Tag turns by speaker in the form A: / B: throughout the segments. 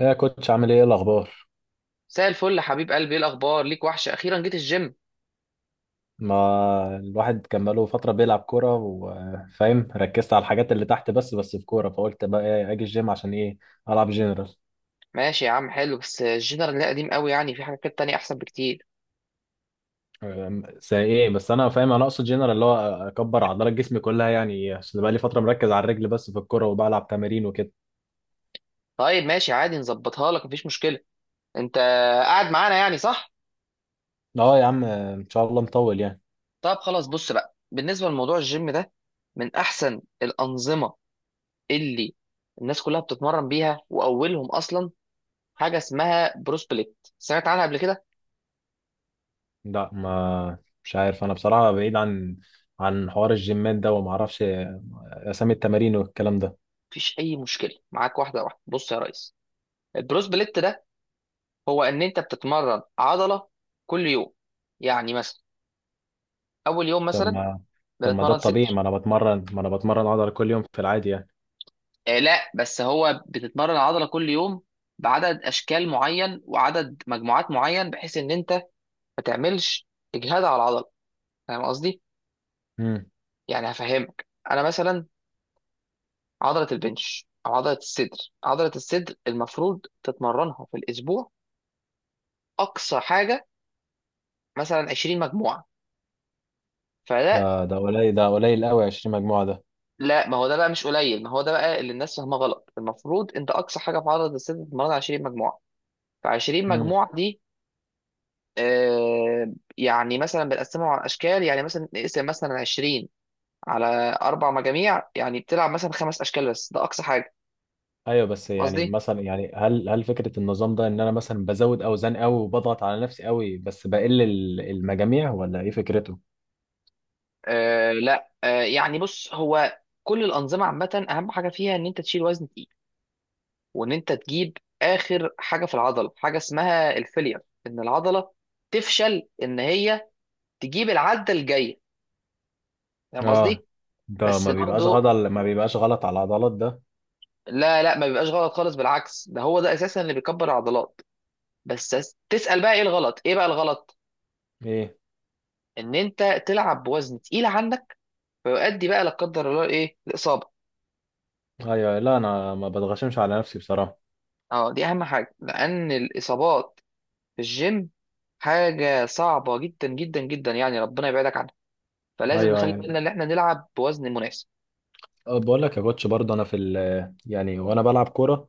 A: ايه يا كوتش، عامل ايه؟ إيه الاخبار؟
B: مساء الفل يا حبيب قلبي، ايه الاخبار؟ ليك وحشه، اخيرا جيت الجيم.
A: ما الواحد كان بقاله فتره بيلعب كوره وفاهم ركزت على الحاجات اللي تحت بس، بس في كوره فقلت بقى اجي الجيم عشان ايه؟ العب جنرال.
B: ماشي يا عم، حلو. بس الجنرال ده قديم قوي، يعني في حاجات تانية احسن بكتير.
A: زي ايه؟ بس انا فاهم، انا اقصد جنرال اللي هو اكبر عضلات جسمي كلها، يعني عشان بقى لي فتره مركز على الرجل بس في الكوره وبلعب تمارين وكده.
B: طيب ماشي عادي، نظبطها لك مفيش مشكله. انت قاعد معانا يعني، صح؟
A: اه يا عم ان شاء الله مطول يعني.
B: طب خلاص، بص بقى، بالنسبه لموضوع الجيم ده، من احسن الانظمه اللي الناس كلها بتتمرن بيها، واولهم اصلا حاجه اسمها بروس بليت، سمعت عنها قبل كده؟
A: لا، ما مش عارف انا بصراحه، بعيد عن عن حوار الجيمات ده وما اعرفش اسامي التمارين والكلام ده.
B: مفيش اي مشكله معاك، واحده واحده. بص يا ريس، البروس بليت ده، هو ان انت بتتمرن عضله كل يوم. يعني مثلا اول يوم
A: طب
B: مثلا
A: ما طب ما ده
B: بنتمرن
A: الطبيعي،
B: صدر.
A: ما انا بتمرن، ما انا بتمرن عضله كل يوم في العادي يعني.
B: آه لا، بس هو بتتمرن العضله كل يوم بعدد اشكال معين وعدد مجموعات معين، بحيث ان انت ما تعملش اجهاد على العضله. فاهم قصدي؟
A: امم
B: يعني هفهمك. انا مثلا عضله البنش او عضله الصدر، عضله الصدر المفروض تتمرنها في الاسبوع اقصى حاجه مثلا 20 مجموعه، فده.
A: ده ده قليل، ده قليل قوي 20 مجموعه ده.
B: لا، ما هو ده بقى مش قليل، ما هو ده بقى اللي الناس فاهمه غلط. المفروض انت اقصى حاجه في عضله الصدر تتمرنها 20 مجموعه. ف 20
A: امم
B: مجموعه دي، يعني مثلا بنقسمهم على اشكال، يعني مثلا نقسم مثلا 20 على اربع مجاميع، يعني بتلعب مثلا خمس اشكال بس، ده اقصى حاجه.
A: ايوه بس يعني
B: قصدي.
A: مثلا يعني هل فكره النظام ده ان انا مثلا بزود اوزان قوي وبضغط على نفسي قوي بس بقل المجاميع ولا ايه فكرته؟
B: لا، يعني بص، هو كل الانظمه عامه اهم حاجه فيها ان انت تشيل وزن تقيل، وان انت تجيب اخر حاجه في العضله، حاجه اسمها الفيلير، ان العضله تفشل ان هي تجيب العده الجايه. فاهم
A: اه
B: قصدي؟
A: ده
B: بس
A: ما بيبقاش غلط
B: برضه.
A: ما بيبقاش غلط على العضلات ده؟
B: لا، لا، ما بيبقاش غلط خالص، بالعكس ده هو ده اساسا اللي بيكبر العضلات. بس تسأل بقى، ايه الغلط، ايه بقى الغلط؟
A: ايه؟
B: ان انت تلعب بوزن تقيل عنك، فيؤدي بقى لا قدر الله ايه، الاصابه.
A: ايوه، لا انا ما بتغشمش على نفسي بصراحه.
B: اه دي اهم حاجه، لان الاصابات في الجيم حاجه صعبه جدا جدا جدا، يعني ربنا يبعدك عنها. فلازم
A: ايوه،
B: نخلي
A: ايوه.
B: بالنا ان احنا نلعب بوزن مناسب.
A: بقول لك يا كوتش برضه انا في يعني وانا بلعب كوره،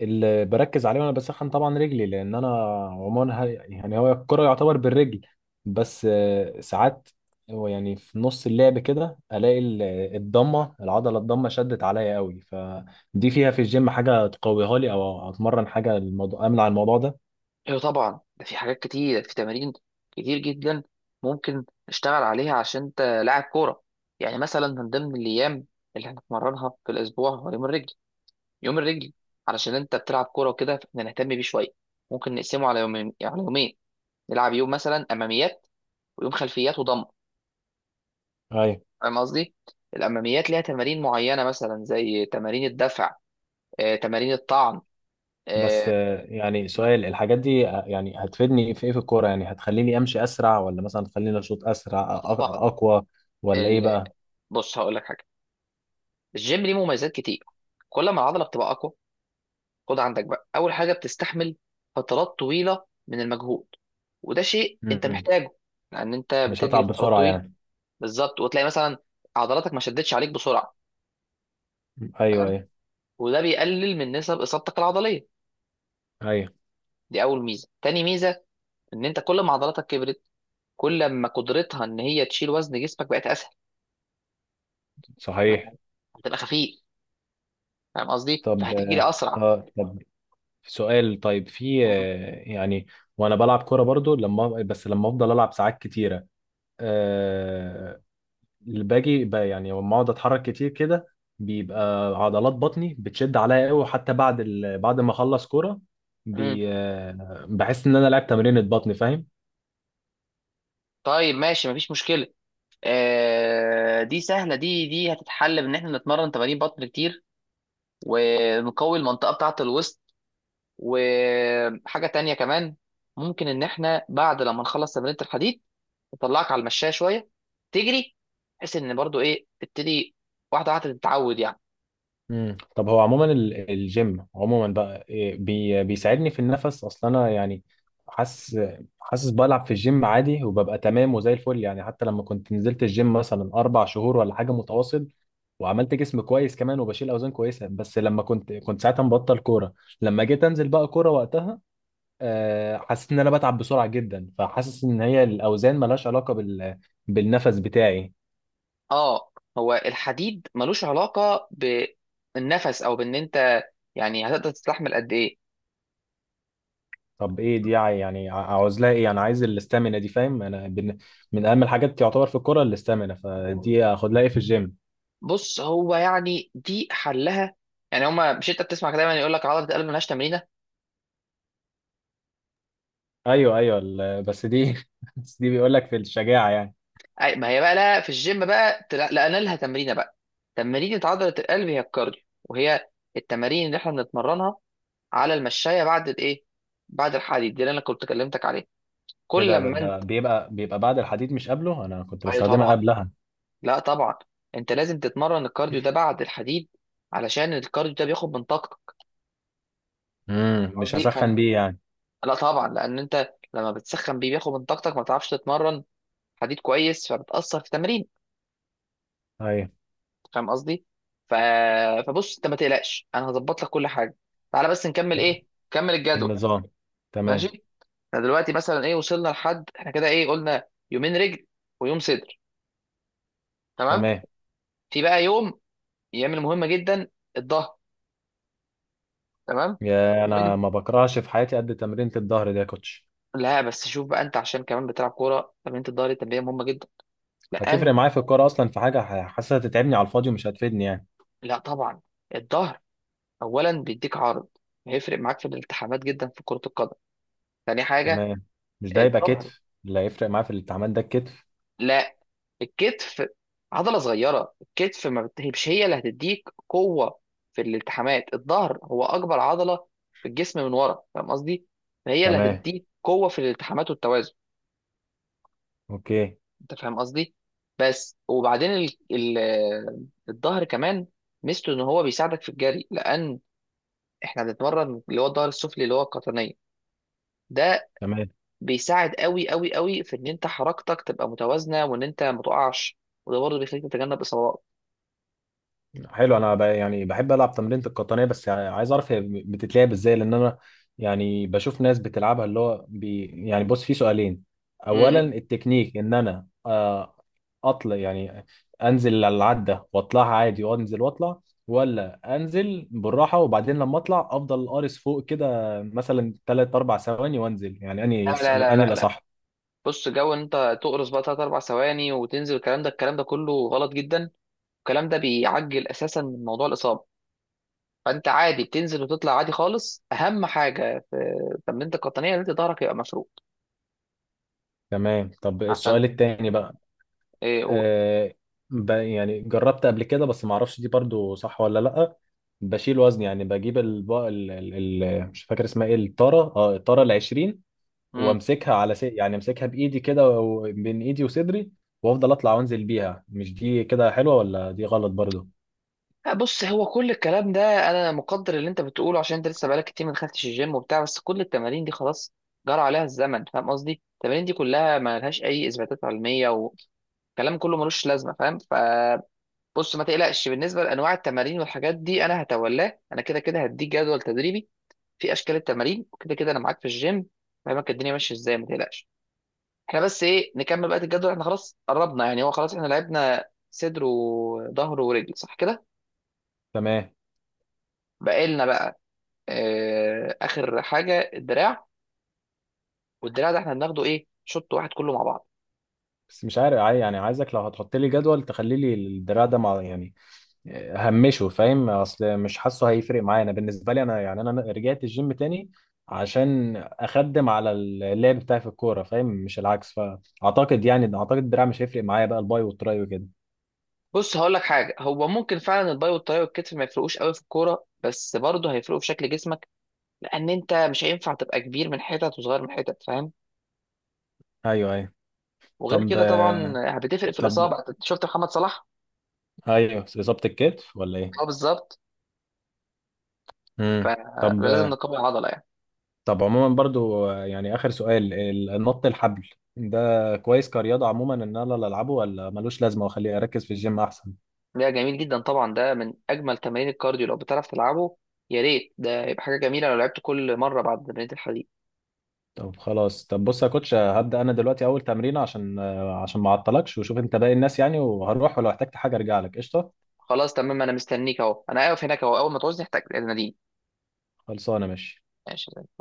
A: اللي بركز عليه وانا بسخن طبعا رجلي لان انا عموما يعني هو الكرة يعتبر بالرجل، بس ساعات هو يعني في نص اللعب كده الاقي الضمه، العضله الضمه شدت عليا قوي، فدي فيها في الجيم حاجه تقويها لي او اتمرن حاجه الموضوع امنع الموضوع ده؟
B: ايوه طبعا، ده في حاجات كتير، في تمارين كتير جدا ممكن نشتغل عليها عشان انت لاعب كوره. يعني مثلا من ضمن الايام اللي هنتمرنها في الاسبوع هو يوم الرجل، يوم الرجل. علشان انت بتلعب كوره وكده، فاحنا نهتم بيه شويه. ممكن نقسمه على يومين، يعني على يومين. نلعب يوم مثلا اماميات، ويوم خلفيات وضم.
A: ايوه
B: فاهم قصدي؟ الاماميات ليها تمارين معينه مثلا زي تمارين الدفع، تمارين الطعن.
A: بس يعني
B: نعم.
A: سؤال، الحاجات دي يعني هتفيدني في ايه في الكوره؟ يعني هتخليني امشي اسرع ولا مثلا تخليني اشوط اسرع
B: طبعا.
A: اقوى، ولا ايه
B: ال...
A: بقى؟
B: بص هقول لك حاجه، الجيم ليه مميزات كتير. كل ما العضله بتبقى اقوى، خد عندك بقى اول حاجه، بتستحمل فترات طويله من المجهود، وده شيء انت
A: م.
B: محتاجه. لان انت
A: مش
B: بتجري
A: هتعب
B: فترات
A: بسرعه
B: طويله.
A: يعني.
B: بالظبط، وتلاقي مثلا عضلاتك ما شدتش عليك بسرعه.
A: ايوه، ايوه.
B: وده بيقلل من نسب اصابتك العضليه.
A: ايوه.
B: دي اول ميزه. تاني ميزه، ان انت كل ما عضلاتك كبرت، كل ما قدرتها ان هي تشيل وزن جسمك بقت اسهل.
A: صحيح.
B: فاهم؟ هتبقى خفيف. فاهم قصدي،
A: طب
B: فهتجري
A: اه،
B: اسرع.
A: طب سؤال، طيب في
B: مم.
A: يعني وانا بلعب كوره برضو، لما بس لما افضل العب ساعات كتيره، أه، اللي باجي يعني لما اقعد اتحرك كتير كده بيبقى عضلات بطني بتشد عليا قوي، حتى بعد بعد ما اخلص كوره
B: مم.
A: بي... آه، بحس ان انا لعبت تمرينة بطن، فاهم؟
B: طيب ماشي مفيش مشكله. آه دي سهله، دي هتتحل بان احنا نتمرن تمارين بطن كتير، ونقوي المنطقه بتاعه الوسط. وحاجه تانية كمان، ممكن ان احنا بعد لما نخلص تمرينة الحديد اطلعك على المشايه شويه تجري، بحيث ان برضو تبتدي واحده واحده تتعود يعني.
A: مم. طب هو عموما الجيم عموما بقى بي بيساعدني في النفس اصلا انا يعني؟ حاسس، حاسس بلعب في الجيم عادي وببقى تمام وزي الفل يعني. حتى لما كنت نزلت الجيم مثلا اربع شهور ولا حاجه متواصل وعملت جسم كويس كمان وبشيل اوزان كويسه، بس لما كنت ساعتها مبطل كوره، لما جيت انزل بقى كوره وقتها حسيت ان انا بتعب بسرعه جدا، فحاسس ان هي الاوزان ملهاش علاقه بالنفس بتاعي.
B: اه، هو الحديد ملوش علاقه بالنفس، او بان انت يعني هتقدر تستحمل قد ايه.
A: طب ايه دي يعني؟ يعني عاوز لها ايه انا؟ عايز الاستامينا دي، فاهم؟ انا من اهم الحاجات تعتبر في الكوره الاستامينا، فدي اخد لها ايه في الجيم؟
B: بص، هو يعني دي حلها. يعني هما، مش انت بتسمع دايما يقول لك عضله القلب ملهاش تمرينه؟
A: ايوه ايوه بس دي بس دي بيقول لك في الشجاعه يعني.
B: أي ما هي بقى، لا في الجيم بقى لقينا لها تمرينه بقى. تمرينه عضله القلب هي الكارديو، وهي التمارين اللي احنا بنتمرنها على المشايه بعد بعد الحديد، دي اللي انا كنت كلمتك عليها.
A: ايه
B: كل
A: ده،
B: لما
A: ده بيبقى بعد الحديد مش قبله؟ انا كنت
B: ايوه
A: بستخدمها
B: طبعا.
A: قبلها.
B: لا طبعا، انت لازم تتمرن الكارديو ده بعد الحديد، علشان الكارديو ده بياخد من طاقتك.
A: مش
B: قصدي.
A: هسخن بيه يعني؟
B: لا طبعا، لان انت لما بتسخن بيه بياخد من طاقتك ما تعرفش تتمرن حديد كويس، فبتأثر في التمرين.
A: ايوه.
B: فاهم قصدي؟ ف... فبص انت ما تقلقش، انا هظبط لك كل حاجه. تعالى بس نكمل الجدول.
A: النظام.
B: ماشي.
A: تمام.
B: احنا دلوقتي مثلا وصلنا لحد احنا كده، قلنا يومين رجل ويوم صدر. تمام.
A: تمام.
B: في بقى يوم يعمل مهمه جدا، الظهر. تمام.
A: يا انا ما بكرهش في حياتي قد تمرينة الظهر ده يا كوتش.
B: لا، بس شوف بقى، انت عشان كمان بتلعب كوره تمرينة الظهر دي تمرينة مهمه جدا،
A: هتفرق
B: لان
A: معايا في الكوره اصلا؟ في حاجه حاسسها تتعبني على الفاضي ومش هتفيدني يعني.
B: لا طبعا. الظهر اولا بيديك عرض، هيفرق معاك في الالتحامات جدا في كره القدم. تاني حاجه،
A: تمام. مش ده يبقى
B: الظهر.
A: كتف اللي هيفرق معاه في التعامل ده، الكتف؟
B: لا الكتف عضله صغيره، الكتف ما بت- هي- مش هي اللي هتديك قوه في الالتحامات. الظهر هو اكبر عضله في الجسم من ورا، فاهم قصدي؟ فهي اللي
A: تمام.
B: هتديك قوه في الالتحامات والتوازن.
A: اوكي.
B: انت فاهم قصدي. بس وبعدين الظهر كمان ميزته ان هو بيساعدك في الجري، لان احنا بنتمرن اللي هو الظهر السفلي، اللي هو القطنيه ده،
A: تمام.
B: بيساعد قوي قوي قوي في ان انت حركتك تبقى متوازنه وان انت ما تقعش، وده برضه بيخليك تتجنب اصابات.
A: حلو، انا يعني بحب العب تمرينة القطنية، بس يعني عايز اعرف هي بتتلعب ازاي، لان انا يعني بشوف ناس بتلعبها اللي هو يعني بص، في سؤالين.
B: م-
A: اولا
B: م.
A: التكنيك، ان انا اطلع يعني انزل على العدة واطلعها عادي وانزل واطلع، ولا انزل بالراحة وبعدين لما اطلع افضل قارس فوق كده مثلا 3 4 ثواني وانزل، يعني اني
B: لا، لا، لا،
A: اني
B: لا، لا.
A: الاصح؟
B: بص، جو ان انت تقرص بقى 3 4 ثواني وتنزل، الكلام ده، الكلام ده كله غلط جدا. الكلام ده بيعجل اساسا من موضوع الاصابه. فانت عادي بتنزل وتطلع عادي خالص. اهم حاجه في تمرينتك القطنيه ان انت ظهرك يبقى مفرود.
A: تمام. طب السؤال
B: عشان
A: التاني بقى،
B: ايه اقول.
A: آه، يعني جربت قبل كده بس ما اعرفش دي برضو صح ولا لا، بشيل وزن يعني بجيب الب... ال... ال... ال... مش فاكر اسمها ايه، الطارة، اه الطارة ال 20،
B: امم
A: وامسكها على يعني امسكها بايدي كده و... بين ايدي وصدري وافضل اطلع وانزل بيها، مش دي كده حلوة ولا دي غلط برضو؟
B: بص هو كل الكلام ده انا مقدر اللي انت بتقوله، عشان انت لسه بقالك كتير ما دخلتش الجيم وبتاع. بس كل التمارين دي خلاص جرى عليها الزمن، فاهم قصدي؟ التمارين دي كلها ما لهاش اي اثباتات علميه الكلام كله ملوش لازمه، فاهم؟ فبص، ما تقلقش بالنسبه لانواع التمارين والحاجات دي، انا هتولاه، انا كده كده هديك جدول تدريبي في اشكال التمارين، وكده كده انا معاك في الجيم. فاهمك الدنيا ماشيه ازاي، ما تقلقش. احنا بس نكمل بقى الجدول. احنا خلاص قربنا، يعني هو خلاص احنا لعبنا صدر وظهر ورجل، صح كده؟
A: تمام
B: بقى لنا بقى، اخر حاجه الدراع. والدراع ده احنا بناخده شوط واحد كله مع بعض.
A: بس مش عارف يعني عايزك لو هتحط لي جدول تخلي لي الدراع ده مع يعني همشه، فاهم؟ اصل مش حاسه هيفرق معايا انا، بالنسبه لي انا يعني انا رجعت الجيم تاني عشان اخدم على اللعب بتاعي في الكوره، فاهم؟ مش العكس. فاعتقد يعني اعتقد الدراع مش هيفرق معايا بقى، الباي والتراي وكده.
B: بص هقول لك حاجه، هو ممكن فعلا الباي والطاي والكتف ما يفرقوش قوي في الكوره، بس برضه هيفرقوا في شكل جسمك، لان انت مش هينفع تبقى كبير من حتت وصغير من حتت، فاهم؟
A: ايوه، ايوه.
B: وغير
A: طب
B: كده طبعا بتفرق في
A: طب،
B: الاصابه. أنت شفت محمد صلاح؟
A: ايوه اصابه الكتف ولا ايه؟
B: اه بالظبط.
A: امم طب
B: فلازم نقوي العضله.
A: طب عموما برضو يعني اخر سؤال، النط الحبل ده كويس كرياضه عموما ان انا العبه، ولا ملوش لازمه واخليه اركز في الجيم احسن؟
B: ده جميل جدا طبعا، ده من اجمل تمارين الكارديو. لو بتعرف تلعبه يا ريت، ده يبقى حاجه جميله لو لعبت كل مره بعد تمرينة الحديد.
A: طب خلاص، طب بص يا كوتش، هبدأ انا دلوقتي اول تمرين عشان عشان ما اعطلكش وشوف انت باقي الناس يعني، وهروح ولو احتجت حاجة ارجع لك، قشطة؟
B: خلاص تمام، انا مستنيك اهو، انا واقف هناك اهو. اول ما تعوزني احتاج ناديني.
A: خلصانة، ماشي.
B: ماشي.